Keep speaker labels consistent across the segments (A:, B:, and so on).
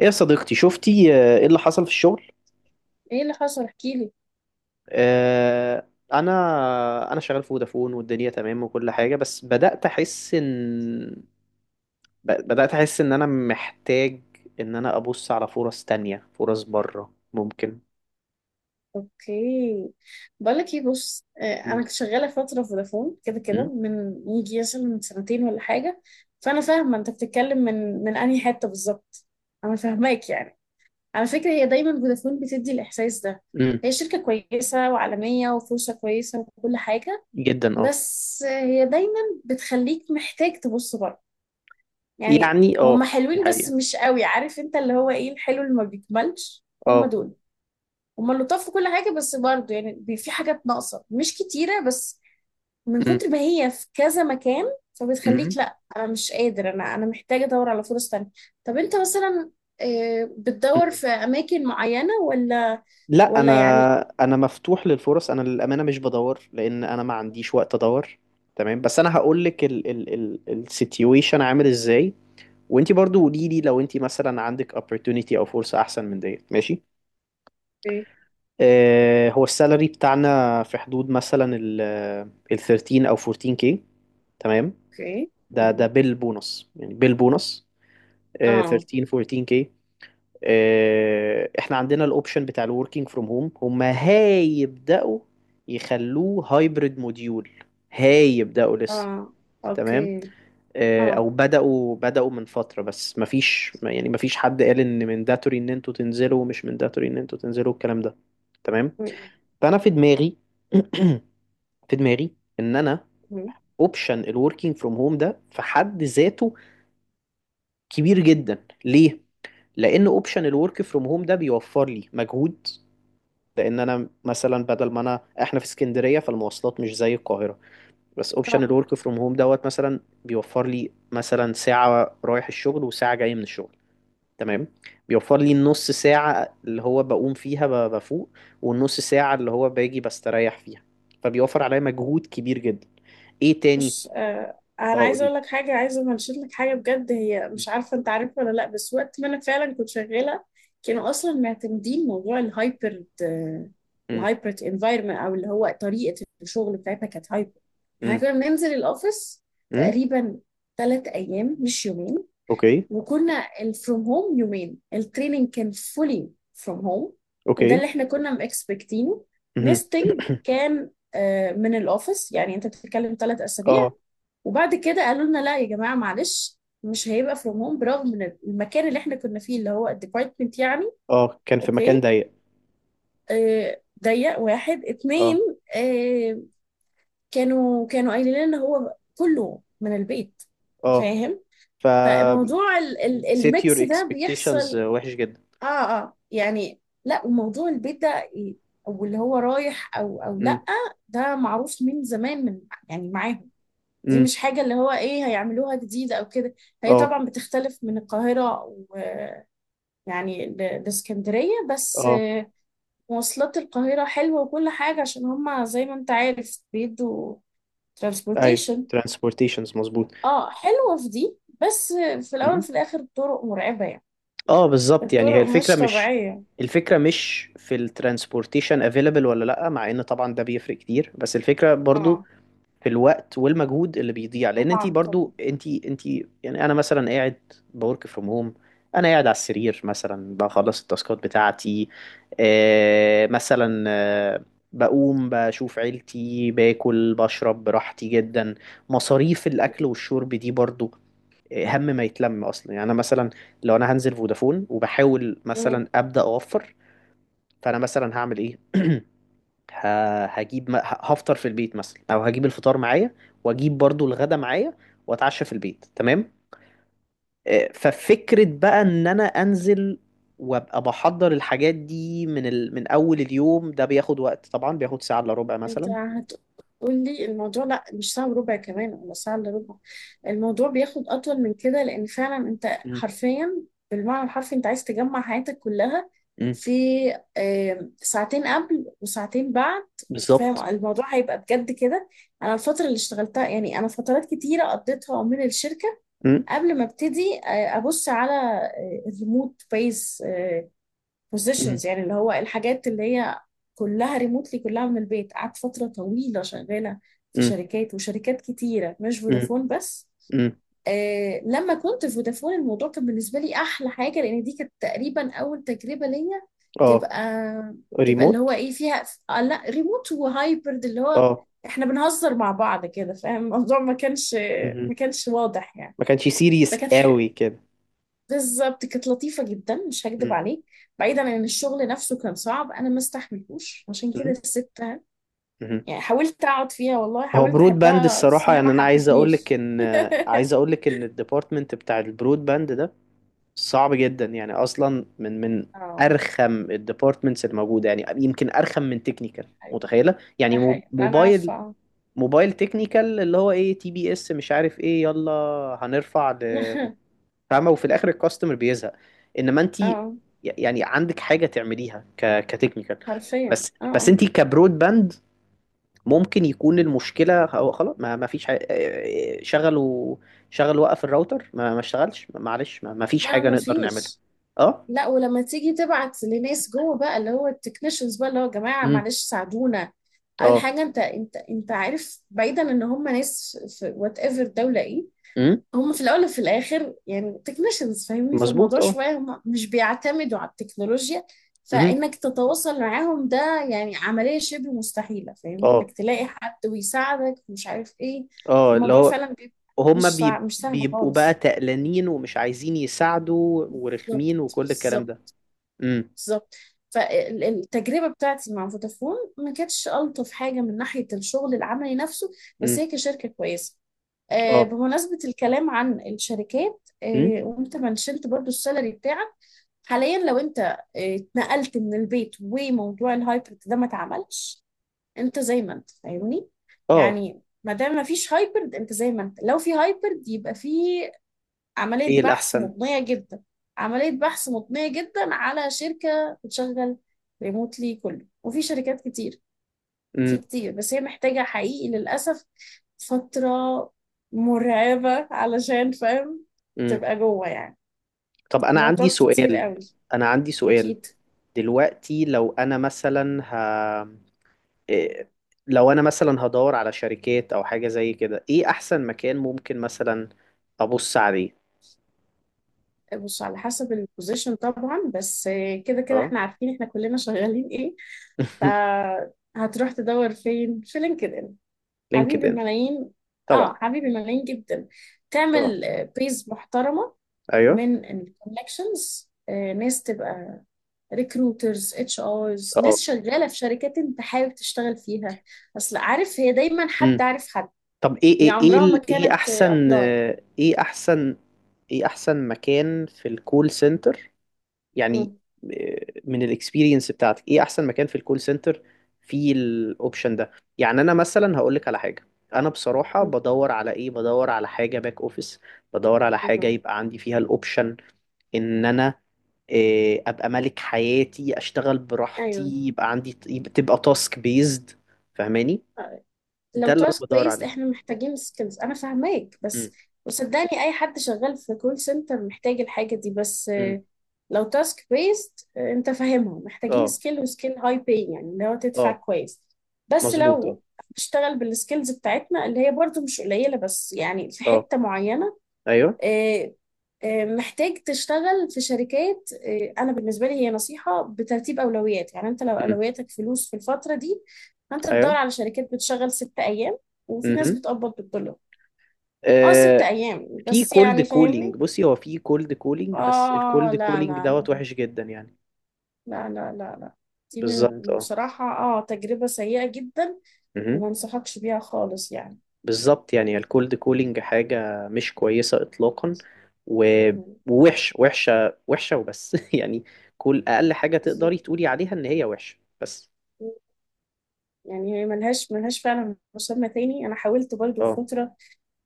A: ايه يا صديقتي، شفتي ايه اللي حصل في الشغل؟
B: ايه اللي حصل؟ احكيلي.
A: آه، انا انا شغال في فودافون، والدنيا تمام وكل حاجه، بس بدات احس ان بدات احس ان انا محتاج ان انا ابص على فرص تانية، فرص بره ممكن.
B: اوكي. بقولك ايه، بص، انا
A: م-
B: كنت شغاله فتره في فودافون كده كده
A: م-
B: من يجي مثلا من سنتين ولا حاجه. فانا فاهمه انت بتتكلم من انهي حته بالظبط. انا فاهماك يعني. على فكره هي دايما فودافون بتدي الاحساس ده.
A: م-
B: هي شركه كويسه وعالميه وفرصه كويسه وكل حاجه.
A: جدا. اه.
B: بس هي دايما بتخليك محتاج تبص بره. يعني
A: يعني
B: هم
A: اه، دي
B: حلوين بس
A: حقيقه.
B: مش قوي، عارف انت اللي هو ايه الحلو اللي ما بيكملش هم
A: اه.
B: دول. هما لطاف في كل حاجة بس برضه يعني في حاجات ناقصة مش كتيرة بس، من
A: م-
B: كتر ما هي في كذا مكان. فبتخليك
A: م-
B: لا أنا مش قادر، أنا محتاجة أدور على فرص تانية. طب أنت مثلا بتدور
A: م-
B: في أماكن معينة ولا
A: لا، انا
B: يعني؟
A: انا مفتوح للفرص. انا للامانه مش بدور، لان انا ما عنديش وقت ادور. تمام، بس انا هقول لك ال السيتويشن عامل ازاي، وانت برضو قولي لي لو انت مثلا عندك opportunity او فرصه احسن من ديت، ماشي.
B: أوكي،
A: هو السالري بتاعنا في حدود مثلا ال 13 او 14 كي، تمام.
B: أوكي.
A: ده
B: مهم.
A: بالبونص، يعني بالبونص. آه،
B: آه،
A: 13 14 كي. احنا عندنا الاوبشن بتاع الوركينج فروم هوم، هم هيبداوا يخلوه هايبرد موديول، هيبداوا لسه.
B: آه.
A: تمام.
B: أوكي. آه.
A: او بداوا من فتره، بس مفيش، يعني مفيش حد قال ان منداتوري ان انتوا تنزلوا ومش منداتوري ان انتوا تنزلوا، الكلام ده. تمام.
B: مهم.
A: فانا في دماغي في دماغي ان انا
B: مهم.
A: اوبشن الوركينج فروم هوم ده في حد ذاته كبير جدا ليه. لان اوبشن الورك فروم هوم ده بيوفر لي مجهود. لان انا مثلا بدل ما انا، احنا في اسكندريه، فالمواصلات مش زي القاهره. بس اوبشن
B: آه.
A: الورك فروم هوم دوت مثلا بيوفر لي مثلا ساعه رايح الشغل وساعه جاي من الشغل، تمام. بيوفر لي النص ساعه اللي هو بقوم فيها بفوق، والنص ساعه اللي هو باجي بستريح فيها. فبيوفر عليا مجهود كبير جدا. ايه تاني؟
B: بص،
A: اه،
B: انا عايزه
A: قولي.
B: اقول لك حاجه، عايزه انشد لك حاجه بجد، هي مش عارفه انت عارفها ولا لا، بس وقت ما انا فعلا كنت شغاله كانوا اصلا معتمدين موضوع الهايبرد.
A: امم.
B: الهايبرد انفايرمنت او اللي هو طريقه الشغل بتاعتها كانت هايبرد. احنا
A: امم.
B: كنا بننزل الاوفيس
A: امم.
B: تقريبا 3 ايام مش يومين.
A: اوكي.
B: وكنا الفروم هوم يومين. التريننج كان فولي فروم هوم. وده اللي
A: اوكي.
B: احنا كنا مكسبكتينه.
A: مهم.
B: نستنج كان من الاوفيس، يعني انت بتتكلم ثلاث
A: اه.
B: اسابيع وبعد كده قالوا لنا لا يا جماعه معلش مش هيبقى فروم هوم، برغم ان المكان اللي احنا كنا فيه اللي هو الديبارتمنت يعني.
A: اه، كان في مكان
B: اوكي.
A: ضيق.
B: آه ضيق واحد اتنين.
A: اه.
B: آه. كانوا قايلين لنا هو كله من البيت.
A: اه.
B: فاهم.
A: ف
B: فموضوع ال
A: set your
B: الميكس ده
A: expectations.
B: بيحصل.
A: وحش جدا.
B: اه، اه، يعني لا، وموضوع البيت ده إيه، او اللي هو رايح او
A: امم.
B: لا، ده معروف من زمان يعني معاهم. دي
A: امم.
B: مش حاجة اللي هو ايه هيعملوها جديدة او كده. هي
A: اه.
B: طبعا بتختلف من القاهرة ويعني لاسكندرية بس.
A: اه.
B: مواصلات القاهرة حلوة وكل حاجة عشان هما زي ما انت عارف بيدوا
A: ايوه.
B: ترانسبورتيشن.
A: Transportations، مظبوط.
B: اه حلوة في دي، بس في الاول
A: مم.
B: وفي الاخر الطرق مرعبة يعني.
A: اه، بالظبط، يعني هي
B: الطرق
A: الفكرة
B: مش
A: مش
B: طبيعية.
A: الفكرة مش في ال transportation available ولا لأ، مع ان طبعا ده بيفرق كتير، بس الفكرة برضو
B: اه،
A: في الوقت والمجهود اللي بيضيع، لان انت
B: طبعا طبعا.
A: برضو انت. يعني انا مثلا قاعد بورك فروم هوم، انا قاعد على السرير مثلا بخلص التاسكات بتاعتي. مثلا بقوم بشوف عيلتي، باكل، بشرب براحتي جدا. مصاريف الاكل والشرب دي برضو هم ما يتلم اصلا. يعني انا مثلا لو انا هنزل فودافون، وبحاول مثلا ابدا اوفر، فانا مثلا هعمل ايه؟ هفطر في البيت مثلا، او هجيب الفطار معايا، واجيب برضو الغدا معايا، واتعشى في البيت، تمام. ففكرة بقى ان انا انزل وابقى بحضر الحاجات دي من اول اليوم، ده بياخد وقت طبعا، بياخد ساعة الا ربع
B: انت
A: مثلا.
B: هتقولي الموضوع لا مش ساعة وربع كمان ولا ساعة الا ربع. الموضوع بياخد اطول من كده، لان فعلا انت
A: مم.
B: حرفيا بالمعنى الحرفي انت عايز تجمع حياتك كلها
A: مم.
B: في ساعتين قبل وساعتين بعد. فاهم
A: بالظبط.
B: الموضوع هيبقى بجد كده. انا الفترة اللي اشتغلتها يعني، انا فترات كتيرة قضيتها من الشركة
A: مم.
B: قبل ما ابتدي ابص على الريموت بيس
A: مم.
B: بوزيشنز، يعني اللي هو الحاجات اللي هي كلها ريموتلي كلها من البيت. قعدت فترة طويلة شغالة في
A: مم.
B: شركات وشركات كتيرة مش
A: مم.
B: فودافون بس.
A: مم.
B: لما كنت في فودافون الموضوع كان بالنسبة لي أحلى حاجة، لأن دي كانت تقريبا أول تجربة ليا
A: اه،
B: تبقى تبقى اللي هو
A: ريموت.
B: إيه فيها. لا، ريموت وهايبرد اللي هو
A: اه.
B: إحنا بنهزر مع بعض كده. فاهم الموضوع ما كانش ما
A: مهم.
B: كانش واضح يعني.
A: ما كانش سيريس
B: فكانت
A: قوي كده.
B: بالظبط كانت لطيفة جدا مش هكدب
A: مم.
B: عليك. بعيدا عن الشغل نفسه كان صعب، أنا ما استحملتوش عشان كده
A: مم.
B: سبتها.
A: مهم.
B: يعني حاولت أقعد فيها، والله
A: هو
B: حاولت
A: برود باند
B: أحبها بس
A: الصراحة،
B: هي ما
A: يعني أنا عايز أقولك
B: حبتنيش
A: إن عايز أقولك إن الديبارتمنت بتاع البرود باند ده صعب جدا، يعني أصلا من
B: اه.
A: أرخم الديبارتمنتس الموجودة، يعني يمكن أرخم من تكنيكال
B: أيوة،
A: متخيلة، يعني
B: ده
A: مو-
B: حقيقي ده، أنا
A: موبايل
B: عارفة
A: موبايل تكنيكال اللي هو إيه تي بي إس مش عارف إيه، يلا هنرفع
B: اه،
A: فاهمة، وفي الآخر الكاستمر بيزهق. إنما أنت
B: اه،
A: يعني عندك حاجة تعمليها كتكنيكال،
B: حرفيا،
A: بس
B: اه،
A: بس
B: آه.
A: أنت كبرود باند ممكن يكون المشكلة هو خلاص، ما فيش حاجة. شغلوا شغل، وقف الراوتر ما اشتغلش، معلش، ما فيش
B: لا،
A: حاجة
B: ما
A: نقدر نعملها.
B: فيش.
A: اه.
B: لا، ولما تيجي تبعت لناس جوه بقى اللي هو التكنيشنز بقى اللي هو يا جماعة
A: امم.
B: معلش ساعدونا، أول
A: اه.
B: حاجة أنت أنت عارف بعيدا إن هم ناس في وات ايفر دولة إيه.
A: امم.
B: هم في الاول وفي الاخر يعني تكنيشنز، فاهمني؟ في
A: مظبوط.
B: الموضوع
A: اه.
B: شويه هم مش بيعتمدوا على التكنولوجيا،
A: امم.
B: فانك تتواصل معاهم ده يعني عمليه شبه مستحيله. فاهمني
A: اه.
B: انك تلاقي حد ويساعدك ومش عارف ايه.
A: اه، اللي
B: الموضوع
A: هو
B: فعلا بيبقى
A: هم
B: مش سهل
A: بيبقوا بقى
B: خالص.
A: تقلانين ومش عايزين يساعدوا
B: بالظبط،
A: ورخمين وكل الكلام ده.
B: بالظبط،
A: امم.
B: بالظبط. فالتجربه بتاعتي مع فودافون ما كانتش الطف حاجه من ناحيه الشغل العملي نفسه، بس
A: امم.
B: هي كشركه كويسه.
A: اه.
B: بمناسبة الكلام عن الشركات،
A: امم.
B: وانت منشنت برضو السالري بتاعك، حاليا لو انت اتنقلت من البيت وموضوع الهايبرد ده ما اتعملش، انت زي ما انت فاهمني.
A: اه.
B: يعني ما دام ما فيش هايبرد انت زي ما انت. لو في هايبرد يبقى في عملية
A: ايه
B: بحث
A: الأحسن؟
B: مضنية جدا عملية بحث مضنية جدا على شركة بتشغل ريموتلي كله. وفي شركات كتير، في
A: امم.
B: كتير، بس هي محتاجة حقيقي للأسف فترة مرعبة علشان فاهم
A: امم.
B: تبقى جوه يعني
A: طب، أنا
B: لو
A: عندي
B: تقعد كتير
A: سؤال
B: قوي.
A: أنا عندي سؤال
B: أكيد.
A: دلوقتي لو أنا مثلا إيه، لو انا مثلا هدور على شركات او حاجة زي كده، ايه احسن مكان ممكن مثلا ابص عليه؟
B: بص على حسب البوزيشن طبعا، بس كده كده
A: اه.
B: احنا عارفين احنا كلنا شغالين ايه. فهتروح تدور فين؟ في لينكدين، حبيب
A: لينكد ان،
B: الملايين. اه،
A: طبعا.
B: حبيب الملايين جدا.
A: اه.
B: تعمل بيز محترمة
A: ايوه.
B: من الكونكشنز، ناس تبقى ريكروترز، HRs،
A: اه.
B: ناس شغاله في شركات انت حابب تشتغل فيها. اصل عارف، هي دايما حد
A: امم.
B: عارف حد.
A: طب، ايه
B: هي
A: ايه ايه
B: عمرها ما
A: ايه
B: كانت
A: احسن
B: ابلاي.
A: آه، ايه احسن ايه احسن مكان في الكول سنتر يعني؟ من الاكسبيرينس بتاعتك ايه احسن مكان في الكول سنتر فيه الاوبشن ده؟ يعني انا مثلا هقول لك على حاجه. انا بصراحه بدور على ايه، بدور على حاجه باك اوفيس. بدور على حاجه يبقى عندي فيها الاوبشن ان انا ابقى ملك حياتي، اشتغل براحتي،
B: ايوه.
A: يبقى عندي، تبقى تاسك بيزد. فاهماني؟
B: لو
A: ده اللي انا
B: تاسك
A: بدور
B: بيست
A: عليه.
B: احنا محتاجين سكيلز، انا فاهماك،
A: امم.
B: بس وصدقني اي حد شغال في كول سنتر محتاج الحاجه دي. بس
A: امم.
B: لو تاسك بيست انت فاهمها محتاجين
A: اه.
B: سكيل، وسكيل هاي باي يعني اللي هو تدفع
A: اه،
B: كويس. بس
A: مظبوط. اه.
B: لو هتشتغل بالسكيلز بتاعتنا اللي هي برضو مش قليله، بس يعني في
A: اه.
B: حته معينه،
A: ايوه.
B: آه، محتاج تشتغل في شركات. انا بالنسبه لي هي نصيحه بترتيب اولويات. يعني انت لو
A: امم.
B: اولوياتك فلوس في الفتره دي فانت تدور
A: ايوه.
B: على شركات بتشغل 6 ايام، وفي ناس بتقبض بالدولار. اه،
A: امم.
B: 6 ايام
A: في
B: بس
A: كولد
B: يعني فاهمني.
A: كولينج، بصي، هو في كولد كولينج، بس
B: اه،
A: الكولد
B: لا،
A: كولينج
B: لا،
A: دوت
B: لا،
A: وحش جدا يعني.
B: لا، لا، لا، لا. دي من
A: بالظبط. اه.
B: بصراحه تجربه سيئه جدا،
A: مهم.
B: وما انصحكش بيها خالص يعني.
A: بالظبط، يعني الكولد كولينج حاجة مش كويسة إطلاقا. و-
B: مهم.
A: ووحش، وحشة وحشة وبس. يعني كل أقل حاجة
B: بالظبط،
A: تقدري تقولي عليها، إن هي وحشة، بس.
B: يعني هي ملهاش فعلا مسمى تاني. انا حاولت برضو في
A: اه.
B: فتره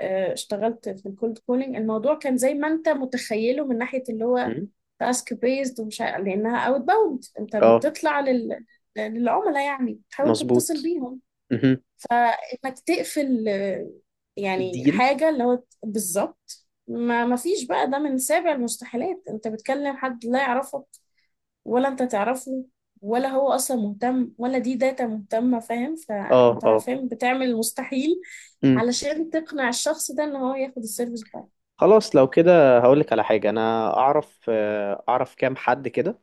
B: اشتغلت في الكولد كولينج. الموضوع كان زي ما انت متخيله من ناحية اللي هو
A: مهم.
B: تاسك بيزد، لانها اوت باوند. انت
A: اه.
B: بتطلع للعملاء، يعني بتحاول تتصل
A: مظبوط.
B: بيهم
A: مهم.
B: فانك تقفل. يعني
A: ديل.
B: حاجة اللي هو بالظبط ما فيش بقى. ده من سابع المستحيلات، انت بتكلم حد لا يعرفك ولا انت تعرفه، ولا هو اصلا مهتم ولا دي داتا مهتمة. فاهم،
A: اه.
B: فانت
A: اه.
B: فاهم بتعمل المستحيل
A: مم.
B: علشان تقنع الشخص ده ان هو ياخد السيرفيس بتاعك.
A: خلاص لو كده هقولك على حاجة، أنا أعرف آه، أعرف كام حد كده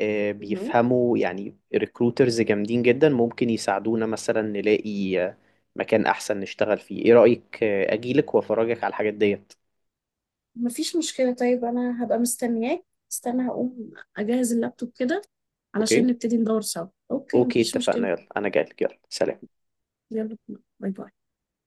A: آه،
B: مهم.
A: بيفهموا، يعني ريكروترز جامدين جدا، ممكن يساعدونا مثلا نلاقي مكان احسن نشتغل فيه. ايه رأيك اجيلك وافرجك على الحاجات ديت؟
B: مفيش مشكلة، طيب أنا هبقى مستنياك. استنى هقوم أجهز اللابتوب كده
A: اوكي.
B: علشان نبتدي ندور سوا. أوكي،
A: اوكي،
B: مفيش
A: اتفقنا.
B: مشكلة.
A: يلا، انا جايلك. يلا، سلام.
B: يلا، باي باي.